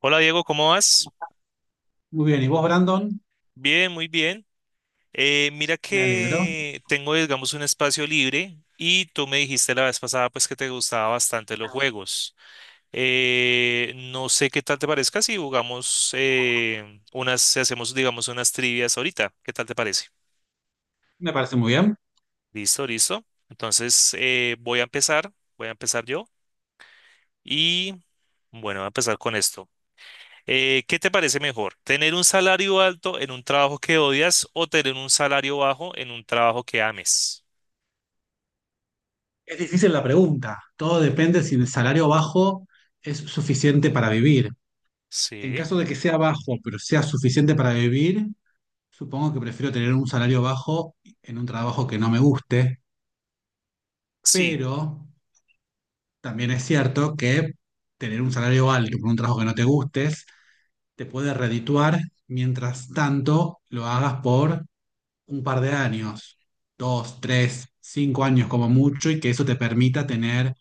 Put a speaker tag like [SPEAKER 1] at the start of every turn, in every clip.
[SPEAKER 1] Hola Diego, ¿cómo vas?
[SPEAKER 2] Muy bien, ¿y vos, Brandon?
[SPEAKER 1] Bien, muy bien. Mira
[SPEAKER 2] Me alegro.
[SPEAKER 1] que tengo, digamos, un espacio libre y tú me dijiste la vez pasada pues que te gustaban bastante los juegos. No sé qué tal te parezca si jugamos si hacemos, digamos, unas trivias ahorita. ¿Qué tal te parece?
[SPEAKER 2] Me parece muy bien.
[SPEAKER 1] Listo, listo. Entonces voy a empezar yo y bueno, voy a empezar con esto. ¿Qué te parece mejor? ¿Tener un salario alto en un trabajo que odias o tener un salario bajo en un trabajo que ames?
[SPEAKER 2] Es difícil la pregunta. Todo depende si el salario bajo es suficiente para vivir. En
[SPEAKER 1] Sí,
[SPEAKER 2] caso de que sea bajo, pero sea suficiente para vivir, supongo que prefiero tener un salario bajo en un trabajo que no me guste,
[SPEAKER 1] sí,
[SPEAKER 2] pero también es cierto que tener un salario alto por un trabajo que no te gustes te puede redituar mientras tanto lo hagas por un par de años, dos, tres, cinco años como mucho, y que eso te permita tener,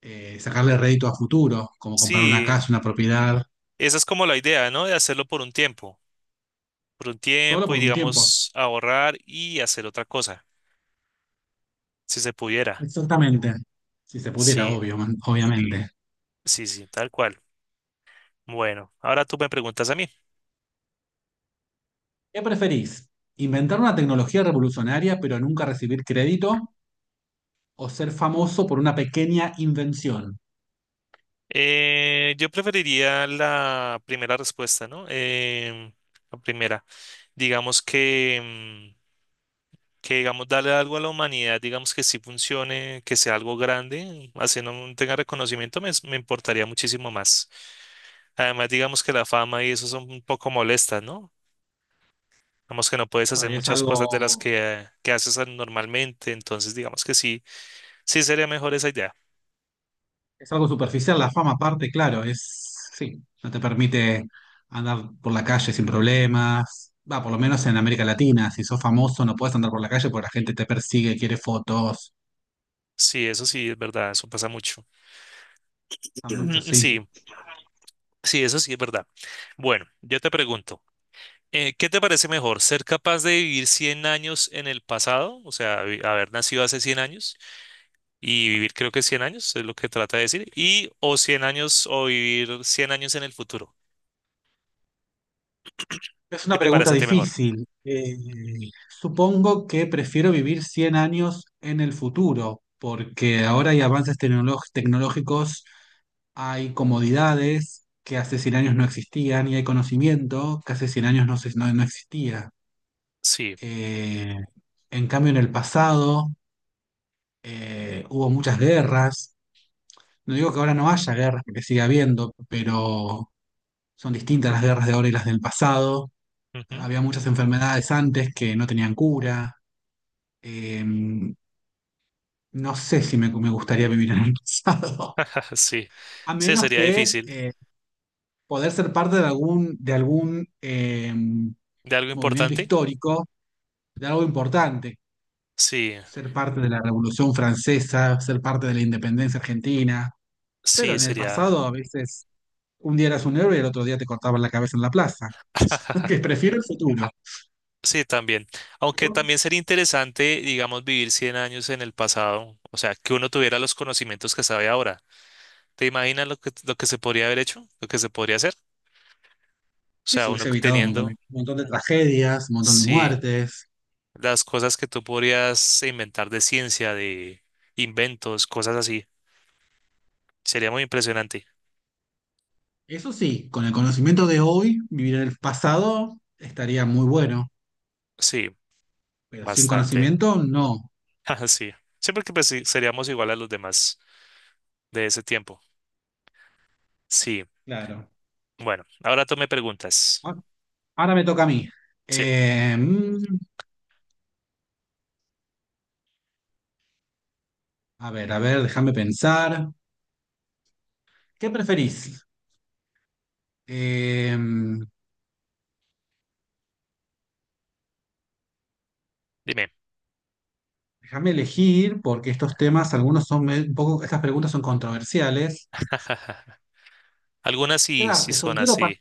[SPEAKER 2] sacarle rédito a futuro, como comprar una
[SPEAKER 1] sí.
[SPEAKER 2] casa, una propiedad,
[SPEAKER 1] Esa es como la idea, ¿no? De hacerlo por un
[SPEAKER 2] solo
[SPEAKER 1] tiempo
[SPEAKER 2] por
[SPEAKER 1] y
[SPEAKER 2] un tiempo.
[SPEAKER 1] digamos ahorrar y hacer otra cosa, si se pudiera.
[SPEAKER 2] Exactamente. Si se pudiera,
[SPEAKER 1] Sí,
[SPEAKER 2] obvio, obviamente.
[SPEAKER 1] sí, sí, tal cual. Bueno, ahora tú me preguntas a mí.
[SPEAKER 2] ¿Qué preferís? ¿Inventar una tecnología revolucionaria pero nunca recibir crédito? ¿O ser famoso por una pequeña invención?
[SPEAKER 1] Yo preferiría la primera respuesta, ¿no? La primera. Digamos que... mm, que digamos darle algo a la humanidad, digamos que sí funcione, que sea algo grande, así no tenga reconocimiento, me importaría muchísimo más. Además, digamos que la fama y eso son un poco molestas, ¿no? Digamos que no puedes hacer
[SPEAKER 2] Ahora,
[SPEAKER 1] muchas cosas de las que haces normalmente, entonces digamos que sí, sí sería mejor esa idea.
[SPEAKER 2] Es algo superficial, la fama aparte, claro, es, sí, no te permite andar por la calle sin problemas. Va, por lo menos en América Latina, si sos famoso no puedes andar por la calle porque la gente te persigue, quiere fotos.
[SPEAKER 1] Sí, eso sí es verdad, eso pasa mucho.
[SPEAKER 2] A mucho,
[SPEAKER 1] Sí,
[SPEAKER 2] sí.
[SPEAKER 1] sí, eso sí es verdad. Bueno, yo te pregunto. ¿Qué te parece mejor? ¿Ser capaz de vivir 100 años en el pasado? O sea, haber nacido hace 100 años y vivir creo que 100 años es lo que trata de decir. Y o 100 años o vivir 100 años en el futuro.
[SPEAKER 2] Es
[SPEAKER 1] ¿Qué
[SPEAKER 2] una
[SPEAKER 1] te
[SPEAKER 2] pregunta
[SPEAKER 1] parece a ti mejor?
[SPEAKER 2] difícil. Supongo que prefiero vivir 100 años en el futuro, porque ahora hay avances tecnológicos, hay comodidades que hace 100 años no existían y hay conocimiento que hace 100 años no existía.
[SPEAKER 1] Sí.
[SPEAKER 2] Eh, en cambio, en el pasado hubo muchas guerras. No digo que ahora no haya guerras, porque sigue habiendo, pero son distintas las guerras de ahora y las del pasado.
[SPEAKER 1] Ujú.
[SPEAKER 2] Había muchas enfermedades antes que no tenían cura. Eh, no sé si me gustaría vivir en el pasado,
[SPEAKER 1] Sí.
[SPEAKER 2] a
[SPEAKER 1] Sí,
[SPEAKER 2] menos
[SPEAKER 1] sería
[SPEAKER 2] que
[SPEAKER 1] difícil.
[SPEAKER 2] poder ser parte de algún
[SPEAKER 1] ¿De algo
[SPEAKER 2] movimiento
[SPEAKER 1] importante?
[SPEAKER 2] histórico, de algo importante,
[SPEAKER 1] Sí.
[SPEAKER 2] ser parte de la Revolución Francesa, ser parte de la independencia argentina. Pero
[SPEAKER 1] Sí,
[SPEAKER 2] en el
[SPEAKER 1] sería.
[SPEAKER 2] pasado a veces un día eras un héroe y el otro día te cortaban la cabeza en la plaza. Que prefiero el futuro.
[SPEAKER 1] Sí, también. Aunque
[SPEAKER 2] ¿No?
[SPEAKER 1] también sería interesante, digamos, vivir 100 años en el pasado. O sea, que uno tuviera los conocimientos que sabe ahora. ¿Te imaginas lo que se podría haber hecho? ¿Lo que se podría hacer? O
[SPEAKER 2] Que
[SPEAKER 1] sea,
[SPEAKER 2] se
[SPEAKER 1] uno
[SPEAKER 2] hubiese evitado un montón de
[SPEAKER 1] teniendo...
[SPEAKER 2] un montón de tragedias, un montón de
[SPEAKER 1] Sí,
[SPEAKER 2] muertes.
[SPEAKER 1] las cosas que tú podrías inventar de ciencia, de inventos, cosas así. Sería muy impresionante.
[SPEAKER 2] Eso sí, con el conocimiento de hoy, vivir en el pasado estaría muy bueno.
[SPEAKER 1] Sí,
[SPEAKER 2] Pero sin
[SPEAKER 1] bastante.
[SPEAKER 2] conocimiento, no.
[SPEAKER 1] Ajá. Sí. Siempre que pues, sí, seríamos igual a los demás de ese tiempo. Sí.
[SPEAKER 2] Claro.
[SPEAKER 1] Bueno, ahora tú me preguntas.
[SPEAKER 2] Ah, ahora me toca a mí.
[SPEAKER 1] Sí,
[SPEAKER 2] Eh, mm, a ver, a ver, déjame pensar. ¿Qué preferís? Eh,
[SPEAKER 1] dime.
[SPEAKER 2] Déjame elegir, porque estos temas, algunos son un poco, estas preguntas son controversiales.
[SPEAKER 1] Algunas sí, sí
[SPEAKER 2] ¿Quedarte
[SPEAKER 1] son
[SPEAKER 2] soltero para...
[SPEAKER 1] así.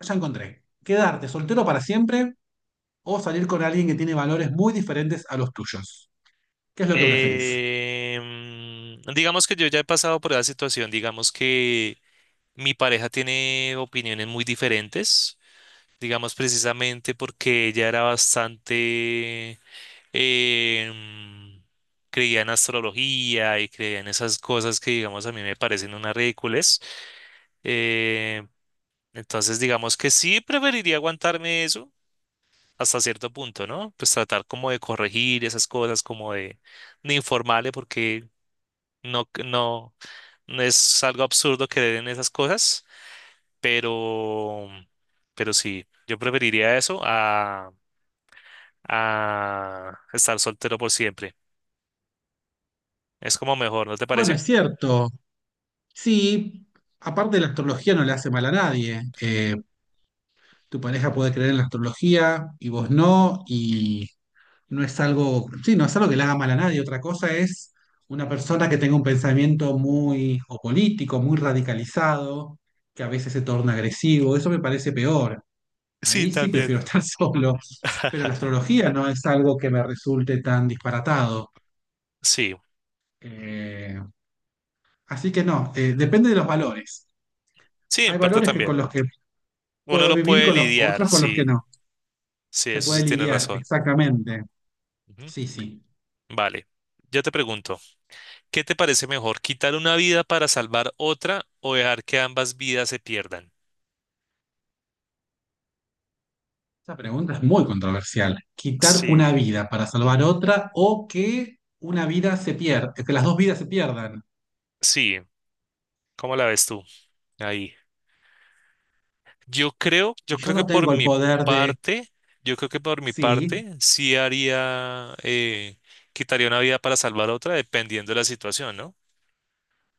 [SPEAKER 2] Ya encontré. ¿Quedarte soltero para siempre o salir con alguien que tiene valores muy diferentes a los tuyos? ¿Qué es lo que preferís?
[SPEAKER 1] Digamos que yo ya he pasado por esa situación. Digamos que mi pareja tiene opiniones muy diferentes. Digamos precisamente porque ella era bastante. Em, Creía en astrología y creía en esas cosas que, digamos, a mí me parecen unas ridículas. Eh, entonces, digamos que sí preferiría aguantarme eso hasta cierto punto, ¿no? Pues tratar como de corregir esas cosas, como de informarle, porque no, no, no es algo absurdo creer en esas cosas, pero, pero sí, yo preferiría eso a estar soltero por siempre. Es como mejor, ¿no te
[SPEAKER 2] Bueno,
[SPEAKER 1] parece?
[SPEAKER 2] es cierto. Sí, aparte la astrología no le hace mal a nadie. Tu pareja puede creer en la astrología y vos no, y no es algo, sí, no es algo que le haga mal a nadie. Otra cosa es una persona que tenga un pensamiento muy o político, muy radicalizado, que a veces se torna agresivo. Eso me parece peor.
[SPEAKER 1] Sí,
[SPEAKER 2] Ahí sí
[SPEAKER 1] también.
[SPEAKER 2] prefiero estar solo. Pero la astrología no es algo que me resulte tan disparatado.
[SPEAKER 1] Sí,
[SPEAKER 2] Eh, Así que no, depende de los valores.
[SPEAKER 1] sí, en
[SPEAKER 2] Hay
[SPEAKER 1] parte
[SPEAKER 2] valores que con
[SPEAKER 1] también.
[SPEAKER 2] los que
[SPEAKER 1] Uno
[SPEAKER 2] puedo
[SPEAKER 1] lo
[SPEAKER 2] vivir y
[SPEAKER 1] puede
[SPEAKER 2] con los
[SPEAKER 1] lidiar,
[SPEAKER 2] otros con los que
[SPEAKER 1] sí,
[SPEAKER 2] no.
[SPEAKER 1] sí,
[SPEAKER 2] Se
[SPEAKER 1] eso
[SPEAKER 2] puede
[SPEAKER 1] sí tienes
[SPEAKER 2] lidiar,
[SPEAKER 1] razón.
[SPEAKER 2] exactamente.
[SPEAKER 1] Ujú.
[SPEAKER 2] Sí, sí.
[SPEAKER 1] Vale, yo te pregunto, ¿qué te parece mejor, quitar una vida para salvar otra o dejar que ambas vidas se pierdan?
[SPEAKER 2] Esta pregunta es muy controversial. ¿Quitar
[SPEAKER 1] Sí,
[SPEAKER 2] una vida para salvar otra o que una vida se pierda, que las dos vidas se pierdan?
[SPEAKER 1] sí, ¿cómo la ves tú ahí? Yo creo,
[SPEAKER 2] Y
[SPEAKER 1] yo
[SPEAKER 2] yo
[SPEAKER 1] creo que
[SPEAKER 2] no
[SPEAKER 1] por
[SPEAKER 2] tengo el
[SPEAKER 1] mi
[SPEAKER 2] poder de...
[SPEAKER 1] parte, yo creo que por mi
[SPEAKER 2] Sí,
[SPEAKER 1] parte sí haría, quitaría una vida para salvar otra dependiendo de la situación, ¿no?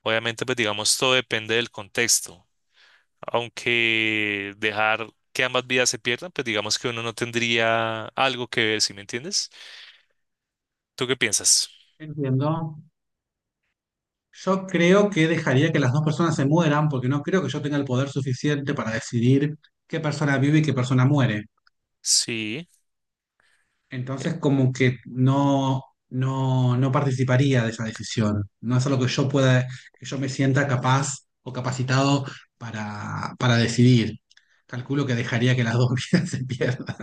[SPEAKER 1] Obviamente, pues digamos, todo depende del contexto, aunque dejar que ambas vidas se pierdan, pues digamos que uno no tendría algo que ver, ¿sí me entiendes? ¿Tú qué piensas?
[SPEAKER 2] entiendo. Yo creo que dejaría que las dos personas se mueran porque no creo que yo tenga el poder suficiente para decidir qué persona vive y qué persona muere.
[SPEAKER 1] Sí, eh,
[SPEAKER 2] Entonces, como que no, no participaría de esa decisión. No es algo que yo pueda, que yo me sienta capaz o capacitado para decidir. Calculo que dejaría que las dos vidas se pierdan.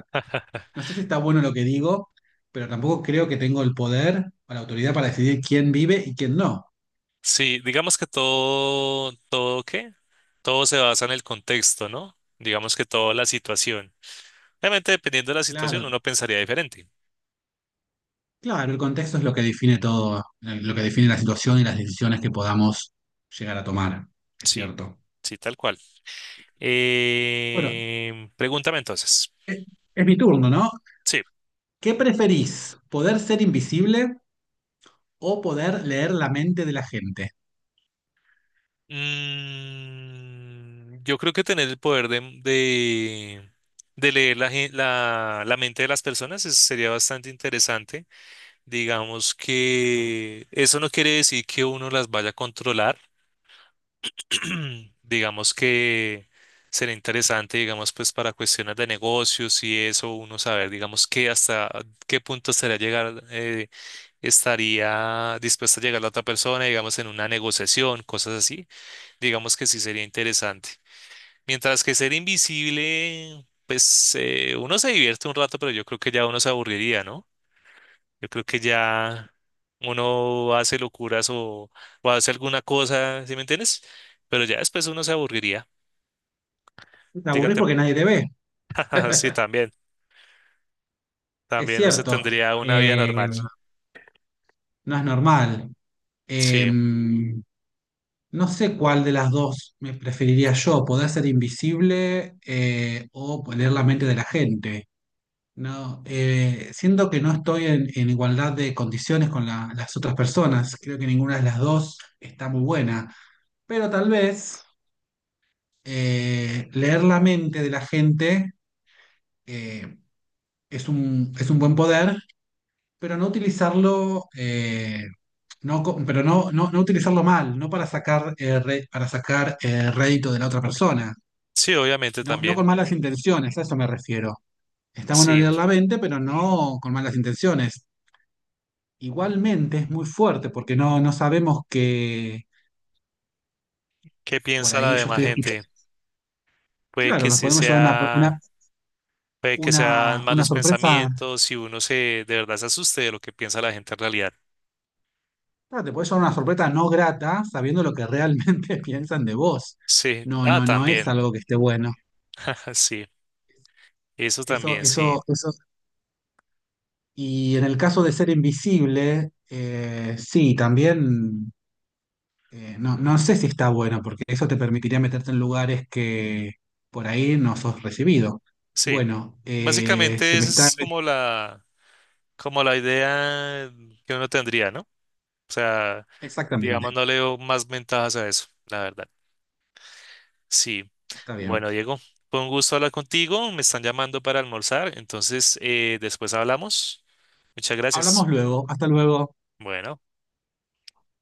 [SPEAKER 2] No sé si está bueno lo que digo, pero tampoco creo que tengo el poder o la autoridad para decidir quién vive y quién no.
[SPEAKER 1] sí, digamos que todo se basa en el contexto, ¿no? Digamos que toda la situación. Obviamente, dependiendo de la situación,
[SPEAKER 2] Claro,
[SPEAKER 1] uno pensaría diferente.
[SPEAKER 2] claro, el contexto es lo que define todo, lo que define la situación y las decisiones que podamos llegar a tomar. Es
[SPEAKER 1] Sí,
[SPEAKER 2] cierto.
[SPEAKER 1] sí, tal cual.
[SPEAKER 2] Bueno,
[SPEAKER 1] Pregúntame entonces.
[SPEAKER 2] es, es mi turno, ¿no?
[SPEAKER 1] Sí.
[SPEAKER 2] ¿Qué preferís? ¿Poder ser invisible o poder leer la mente de la gente?
[SPEAKER 1] Mm, yo creo que tener el poder de leer la mente de las personas sería bastante interesante. Digamos que eso no quiere decir que uno las vaya a controlar. Digamos que sería interesante, digamos, pues para cuestiones de negocios y eso, uno saber, digamos, que hasta qué punto sería llegar estaría dispuesta a llegar la otra persona, digamos, en una negociación, cosas así, digamos que sí sería interesante. Mientras que ser invisible, pues uno se divierte un rato, pero yo creo que ya uno se aburriría, ¿no? Yo creo que ya uno hace locuras o hace alguna cosa, ¿sí me entiendes? Pero ya después uno se aburriría.
[SPEAKER 2] Te aburrís
[SPEAKER 1] Dígate,
[SPEAKER 2] porque nadie te ve,
[SPEAKER 1] sí, también,
[SPEAKER 2] es
[SPEAKER 1] también no se
[SPEAKER 2] cierto.
[SPEAKER 1] tendría una vida
[SPEAKER 2] Eh,
[SPEAKER 1] normal.
[SPEAKER 2] no es normal.
[SPEAKER 1] Sí,
[SPEAKER 2] No sé cuál de las dos me preferiría yo, poder ser invisible o leer la mente de la gente. No, siento que no estoy en igualdad de condiciones con las otras personas. Creo que ninguna de las dos está muy buena. Pero tal vez leer la mente de la gente eh, es es un buen poder, pero no utilizarlo, no, pero no, no utilizarlo mal, no para sacar, para sacar rédito de la otra persona,
[SPEAKER 1] sí, obviamente
[SPEAKER 2] no, no
[SPEAKER 1] también.
[SPEAKER 2] con malas intenciones, a eso me refiero. Está bueno leer
[SPEAKER 1] Sí.
[SPEAKER 2] la mente, pero no con malas intenciones.
[SPEAKER 1] Ujú.
[SPEAKER 2] Igualmente es muy fuerte porque no, no sabemos que
[SPEAKER 1] ¿Qué
[SPEAKER 2] por
[SPEAKER 1] piensa la
[SPEAKER 2] ahí yo
[SPEAKER 1] demás
[SPEAKER 2] estoy escuchando.
[SPEAKER 1] gente? Puede
[SPEAKER 2] Claro,
[SPEAKER 1] que
[SPEAKER 2] nos
[SPEAKER 1] sí
[SPEAKER 2] podemos llevar
[SPEAKER 1] sea, puede que sean
[SPEAKER 2] una
[SPEAKER 1] malos
[SPEAKER 2] sorpresa.
[SPEAKER 1] pensamientos y uno se, de verdad se asuste de lo que piensa la gente en realidad.
[SPEAKER 2] Claro, te puede llevar una sorpresa no grata sabiendo lo que realmente piensan de vos.
[SPEAKER 1] Sí,
[SPEAKER 2] No,
[SPEAKER 1] ah,
[SPEAKER 2] no, no es
[SPEAKER 1] también,
[SPEAKER 2] algo que esté bueno.
[SPEAKER 1] sí, eso
[SPEAKER 2] Eso,
[SPEAKER 1] también, sí,
[SPEAKER 2] eso, eso. Y en el caso de ser invisible, sí, también no, no sé si está bueno, porque eso te permitiría meterte en lugares que por ahí no sos recibido.
[SPEAKER 1] sí.
[SPEAKER 2] Bueno, se
[SPEAKER 1] Básicamente
[SPEAKER 2] me
[SPEAKER 1] esa
[SPEAKER 2] está...
[SPEAKER 1] es como la idea que uno tendría, ¿no? O sea, digamos,
[SPEAKER 2] Exactamente,
[SPEAKER 1] no le veo más ventajas a eso, la verdad. Sí.
[SPEAKER 2] está bien.
[SPEAKER 1] Bueno, Diego, fue un gusto hablar contigo. Me están llamando para almorzar, entonces después hablamos. Muchas
[SPEAKER 2] Hablamos
[SPEAKER 1] gracias.
[SPEAKER 2] luego. Hasta luego.
[SPEAKER 1] Bueno.